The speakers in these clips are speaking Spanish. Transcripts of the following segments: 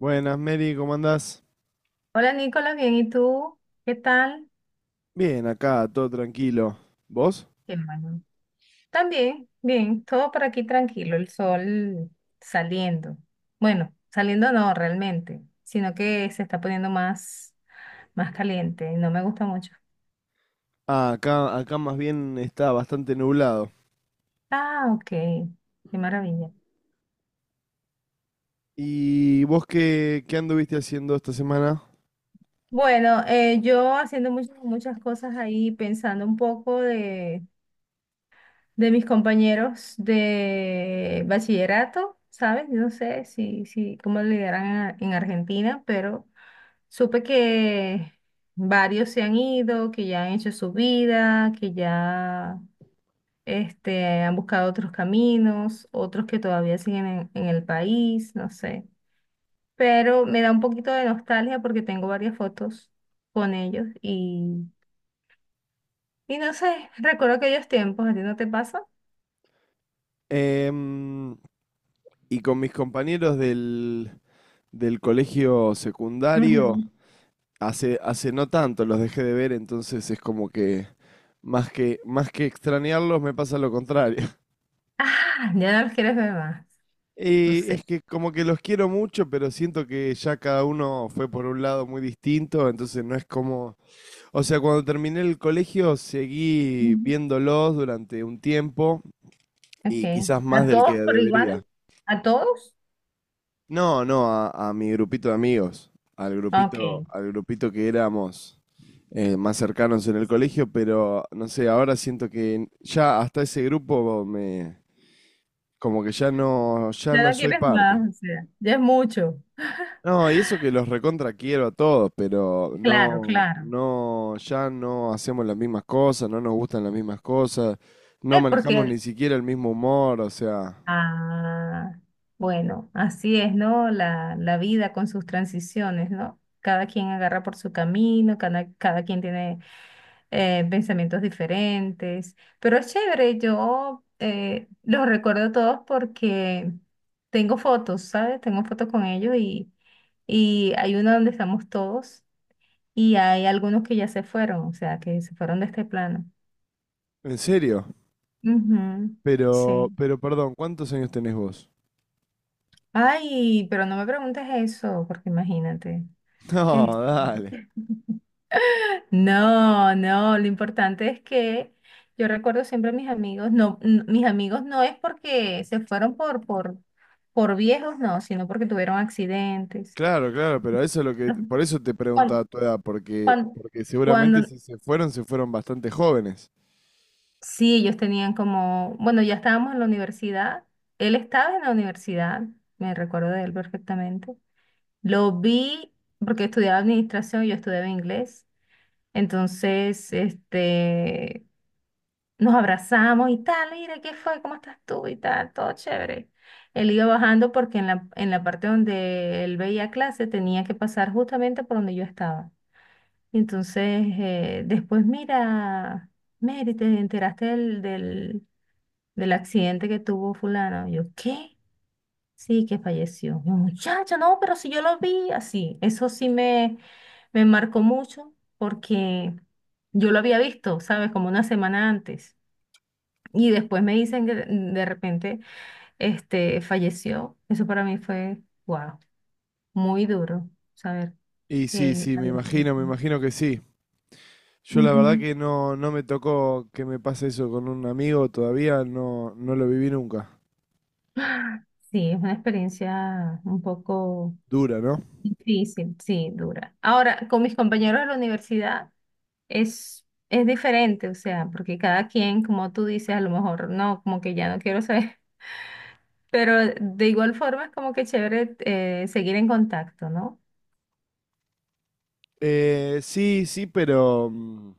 Buenas, Mary, ¿cómo andás? Hola Nicolás, bien, ¿y tú? ¿Qué tal? Bien, acá, todo tranquilo. ¿Vos? Qué bueno. También, bien, todo por aquí tranquilo, el sol saliendo. Bueno, saliendo no realmente, sino que se está poniendo más caliente y no me gusta mucho. Ah, acá más bien está bastante nublado. Ah, ok, qué maravilla. ¿Y vos qué anduviste haciendo esta semana? Bueno, yo haciendo muchas, muchas cosas ahí, pensando un poco de mis compañeros de bachillerato, ¿sabes? Yo no sé si, si, cómo le dirán en en Argentina, pero supe que varios se han ido, que ya han hecho su vida, que ya han buscado otros caminos, otros que todavía siguen en el país, no sé. Pero me da un poquito de nostalgia porque tengo varias fotos con ellos y no sé, recuerdo aquellos tiempos, ¿a ti no te pasa? Em, y con mis compañeros del colegio secundario, Ujú. hace no tanto los dejé de ver, entonces es como que más que extrañarlos me pasa lo contrario. Ah, ya no los quieres ver más. No Y es sé. que como que los quiero mucho, pero siento que ya cada uno fue por un lado muy distinto, entonces no es como. O sea, cuando terminé el colegio seguí Ujú. viéndolos durante un tiempo Ok. y quizás más ¿A del que todos por igual? debería. ¿A todos? No, no, a mi grupito de amigos, al grupito, Ok. al grupito que éramos más cercanos en el colegio, pero no sé, ahora siento que ya hasta ese grupo me, como que ya no, ya Ya no no soy quieres parte. más, o sea, ya es mucho. No, y eso que los recontra quiero a todos, pero Claro, no, claro. no, ya no hacemos las mismas cosas, no nos gustan las mismas cosas, no Es porque, manejamos ni siquiera el mismo humor, o sea, ah, bueno, así es, ¿no? La vida con sus transiciones, ¿no? Cada quien agarra por su camino, cada quien tiene pensamientos diferentes, pero es chévere, yo los recuerdo todos porque tengo fotos, ¿sabes? Tengo fotos con ellos y hay una donde estamos todos y hay algunos que ya se fueron, o sea, que se fueron de este plano. en serio. Ujú, sí. Pero perdón, ¿cuántos años tenés vos? Ay, pero no me preguntes eso, porque imagínate. Este, No, dale. No, no, lo importante es que yo recuerdo siempre a mis amigos, mis amigos no es porque se fueron por viejos, no, sino porque tuvieron accidentes. Claro, claro, pero eso es lo que, por eso te Cuando, preguntaba tu edad, porque, cuando, porque seguramente cuando si se fueron, se fueron bastante jóvenes. sí, ellos tenían como, bueno, ya estábamos en la universidad, él estaba en la universidad, me recuerdo de él perfectamente. Lo vi porque estudiaba administración, yo estudiaba inglés, entonces, nos abrazamos y tal, mira, ¿qué fue? ¿Cómo estás tú? Y tal, todo chévere. Él iba bajando porque en la parte donde él veía clase tenía que pasar justamente por donde yo estaba. Y entonces, después, mira, Mary, ¿te enteraste del accidente que tuvo fulano? Yo, ¿qué? Sí, que falleció. Yo, muchacha, no, pero si yo lo vi así. Eso sí me marcó mucho porque yo lo había visto, ¿sabes? Como una semana antes. Y después me dicen que de repente falleció. Eso para mí fue, wow, muy duro saber Y que sí, él sí, me falleció. imagino, me imagino que sí. Yo la verdad Ujú. que no, no me tocó que me pase eso con un amigo todavía, no, no lo viví nunca. Sí, es una experiencia un poco Dura, ¿no? difícil, sí, dura. Ahora, con mis compañeros de la universidad es diferente, o sea, porque cada quien, como tú dices, a lo mejor no, como que ya no quiero saber, pero de igual forma es como que chévere seguir en contacto, ¿no? Sí, sí, pero,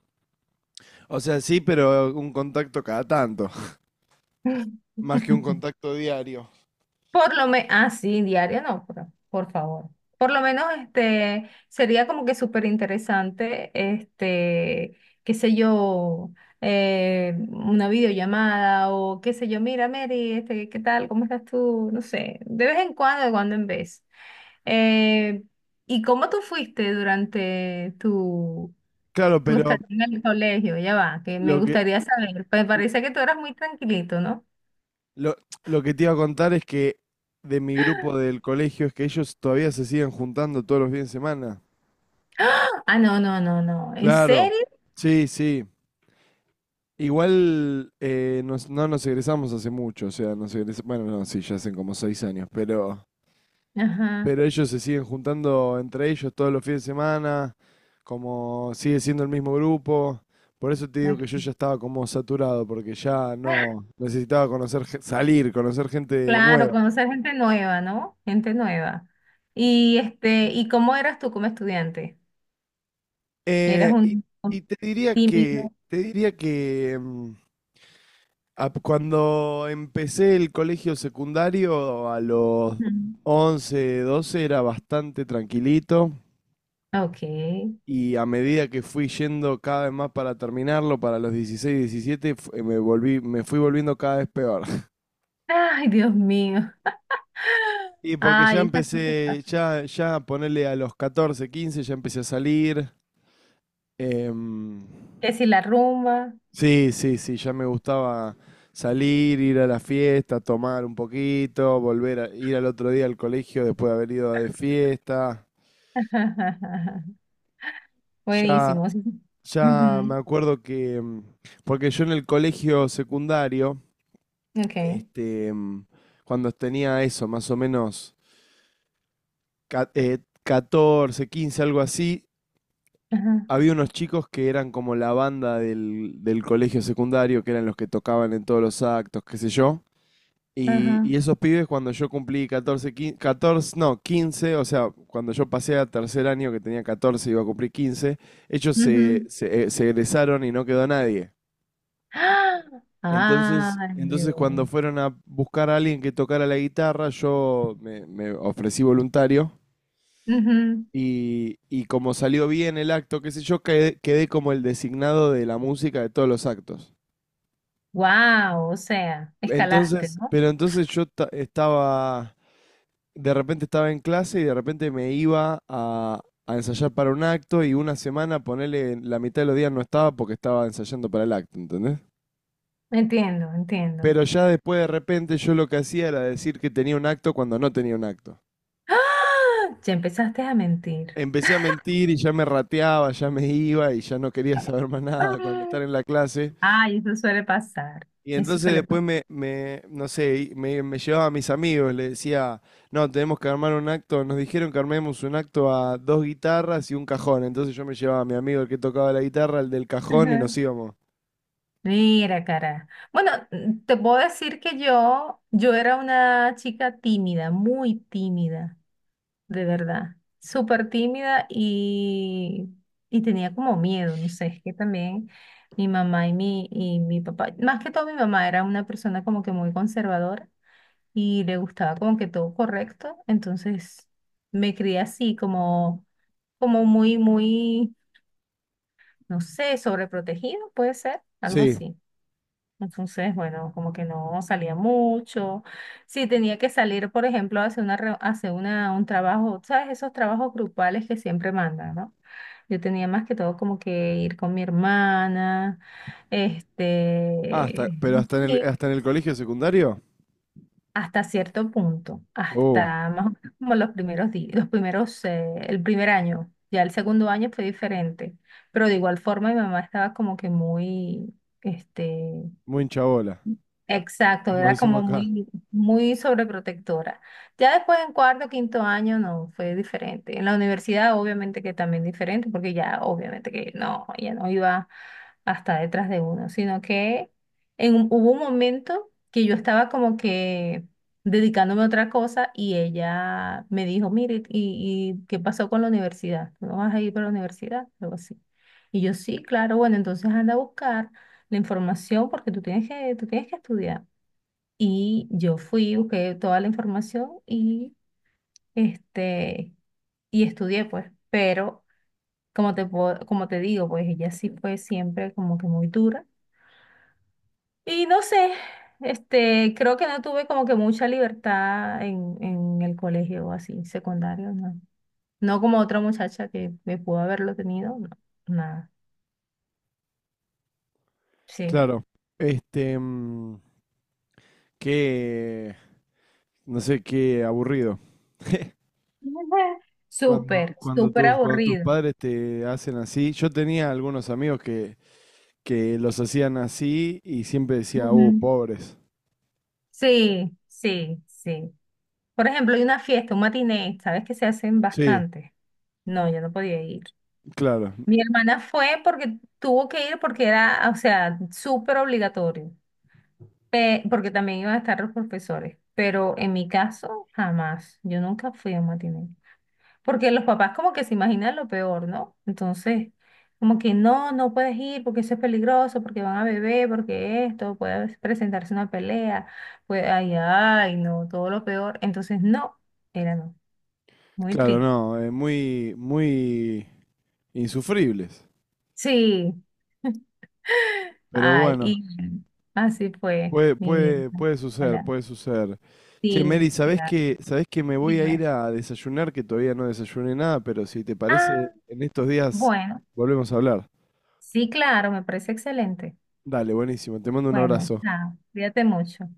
o sea, sí, pero un contacto cada tanto, más que un contacto diario. Por lo menos, ah, sí, diaria no, por favor. Por lo menos, sería como que súper interesante, qué sé yo, una videollamada o qué sé yo, mira, Mary, ¿qué tal? ¿Cómo estás tú? No sé, de vez en cuando, de cuando en vez. Eh, ¿Y cómo tú fuiste durante tu, Claro, tu pero estadía en el colegio? Ya va, que me lo que, gustaría saber. Me parece que tú eras muy tranquilito, ¿no? lo, lo que te iba a contar es que de mi grupo del colegio es que ellos todavía se siguen juntando todos los fines de semana. Ah, no, no, no, no. ¿En Claro, serio? sí, sí. Igual no nos egresamos hace mucho, o sea, bueno, no, sí, ya hacen como 6 años, pero, Ajá. pero ellos se siguen juntando entre ellos todos los fines de semana, como sigue siendo el mismo grupo. Por eso te digo que yo Ok. ya estaba como saturado, porque ya no necesitaba salir, conocer gente Claro, nueva. conocer gente nueva, ¿no? Gente nueva. ¿Y cómo eras tú como estudiante? ¿Eras Eh, y, un, y un te diría que, tímido? te diría que, mm, Ap- cuando empecé el colegio secundario, a los Ujú. 11, 12 era bastante tranquilito Ok. y a medida que fui yendo cada vez más para terminarlo, para los 16, 17 me fui volviendo cada vez peor. Ay, Dios mío. Y porque Ay, esas cosas pasan. ya ponerle a los 14, 15 ya empecé a salir. em, Que si la rumba. Sí, sí, sí, ya me gustaba salir, ir a la fiesta, tomar un poquito, volver a ir al otro día al colegio después de haber ido de fiesta. Ya, Buenísimo. Sí. ya me Ujú. acuerdo que, porque yo en el colegio secundario, Ok. este, cuando tenía eso, más o menos 14, 15, algo así, Ajá. había unos chicos que eran como la banda del colegio secundario, que eran los que tocaban en todos los actos, qué sé yo. Y, Ajá. y esos pibes cuando yo cumplí 14, 15, 14, no, 15, o sea, cuando yo pasé a tercer año que tenía 14 iba a cumplir 15, ellos Ujú. Se egresaron y no quedó nadie. ¡Ah! Entonces, Ay, entonces cuando Dios. fueron a buscar a alguien que tocara la guitarra, yo me ofrecí voluntario y como salió bien el acto, qué sé yo, quedé como el designado de la música de todos los actos. Wow, o sea, escalaste, ¿no? Pero entonces yo estaba. De repente estaba en clase y de repente me iba a, ensayar para un acto y una semana, ponele, la mitad de los días no estaba porque estaba ensayando para el acto, ¿entendés? Entiendo, entiendo. Pero ya después de repente yo lo que hacía era decir que tenía un acto cuando no tenía un acto. ¡Ah! Ya empezaste a mentir. Empecé a mentir y ya me rateaba, ya me iba y ya no quería saber más nada con estar en ¡Ah! la clase. Ay, eso suele pasar. Y Eso entonces suele pasar. después me no sé, y me llevaba a mis amigos, le decía, no, tenemos que armar un acto, nos dijeron que armemos un acto a dos guitarras y un cajón. Entonces yo me llevaba a mi amigo el que tocaba la guitarra, el del cajón, y Ajá. nos íbamos. Mira, cara. Bueno, mm, te puedo decir que yo era una chica tímida, muy tímida, de verdad. Súper tímida y tenía como miedo, no sé, es que también mi mamá y mi papá, más que todo mi mamá era una persona como que muy conservadora. Y le gustaba como que todo correcto, entonces me crié así como, como muy, muy, no sé, sobreprotegido, puede ser, algo Sí. así. Entonces, bueno, como que no salía mucho. Si tenía que salir, por ejemplo, hacer un trabajo, ¿sabes? Esos trabajos grupales que siempre mandan, ¿no? Yo tenía más que todo como que ir con mi hermana, Ah, hasta, este, pero hasta en el, sí, hasta en el colegio secundario. hasta cierto punto, Oh, hasta más o menos como los primeros días, los primeros, el primer año, ya el segundo año fue diferente, pero de igual forma mi mamá estaba como que muy. este, muy hincha bola, Exacto, como era decimos como acá. muy, muy sobreprotectora. Ya después en cuarto, quinto año, no, fue diferente. En la universidad, obviamente que también diferente, porque ya, obviamente que no, ya no iba hasta detrás de uno, sino que hubo un momento que yo estaba como que dedicándome a otra cosa y ella me dijo, mire, ¿y qué pasó con la universidad? ¿Tú no vas a ir para la universidad? Algo así. Y yo, sí, claro, bueno, entonces anda a buscar la información porque tú tienes que estudiar. Y yo fui, busqué toda la información este, y estudié, pues, pero como te digo, pues ella sí fue siempre como que muy dura. Y no sé, creo que no tuve como que mucha libertad en el colegio así, secundario, no. No como otra muchacha que me pudo haberlo tenido, no, nada, sí. Claro. Este, qué, no sé, qué aburrido. Cuando, Súper, cuando súper tus, cuando tus aburrido. padres te hacen así, yo tenía algunos amigos que los hacían así y siempre decía, Ujú. pobres. Sí, sí, sí. Por ejemplo, hay una fiesta, un matiné, ¿sabes? Que se hacen Sí, bastante. No, yo no podía ir. claro, Mi hermana fue porque tuvo que ir porque era, o sea, súper obligatorio, porque también iban a estar los profesores, pero en mi caso, jamás. Yo nunca fui a un matiné. Porque los papás como que se imaginan lo peor, ¿no? Entonces, como que no, no puedes ir porque eso es peligroso, porque van a beber, porque esto, puede presentarse una pelea, pues, ay, ay, no, todo lo peor. Entonces, no, era no, muy claro, triste. no, muy, muy insufribles. Sí, Pero ay, bueno, y así fue puede, mi vida. puede, puede suceder, Hola. puede suceder. Che, Sí, Mary, ¿sabés claro, que, sabés que me voy a ir dime. a desayunar, que todavía no desayuné nada, pero si te parece, Ah, en estos días bueno, volvemos a hablar. sí, claro, me parece excelente. Dale, buenísimo, te mando un Bueno, abrazo. chao, cuídate mucho.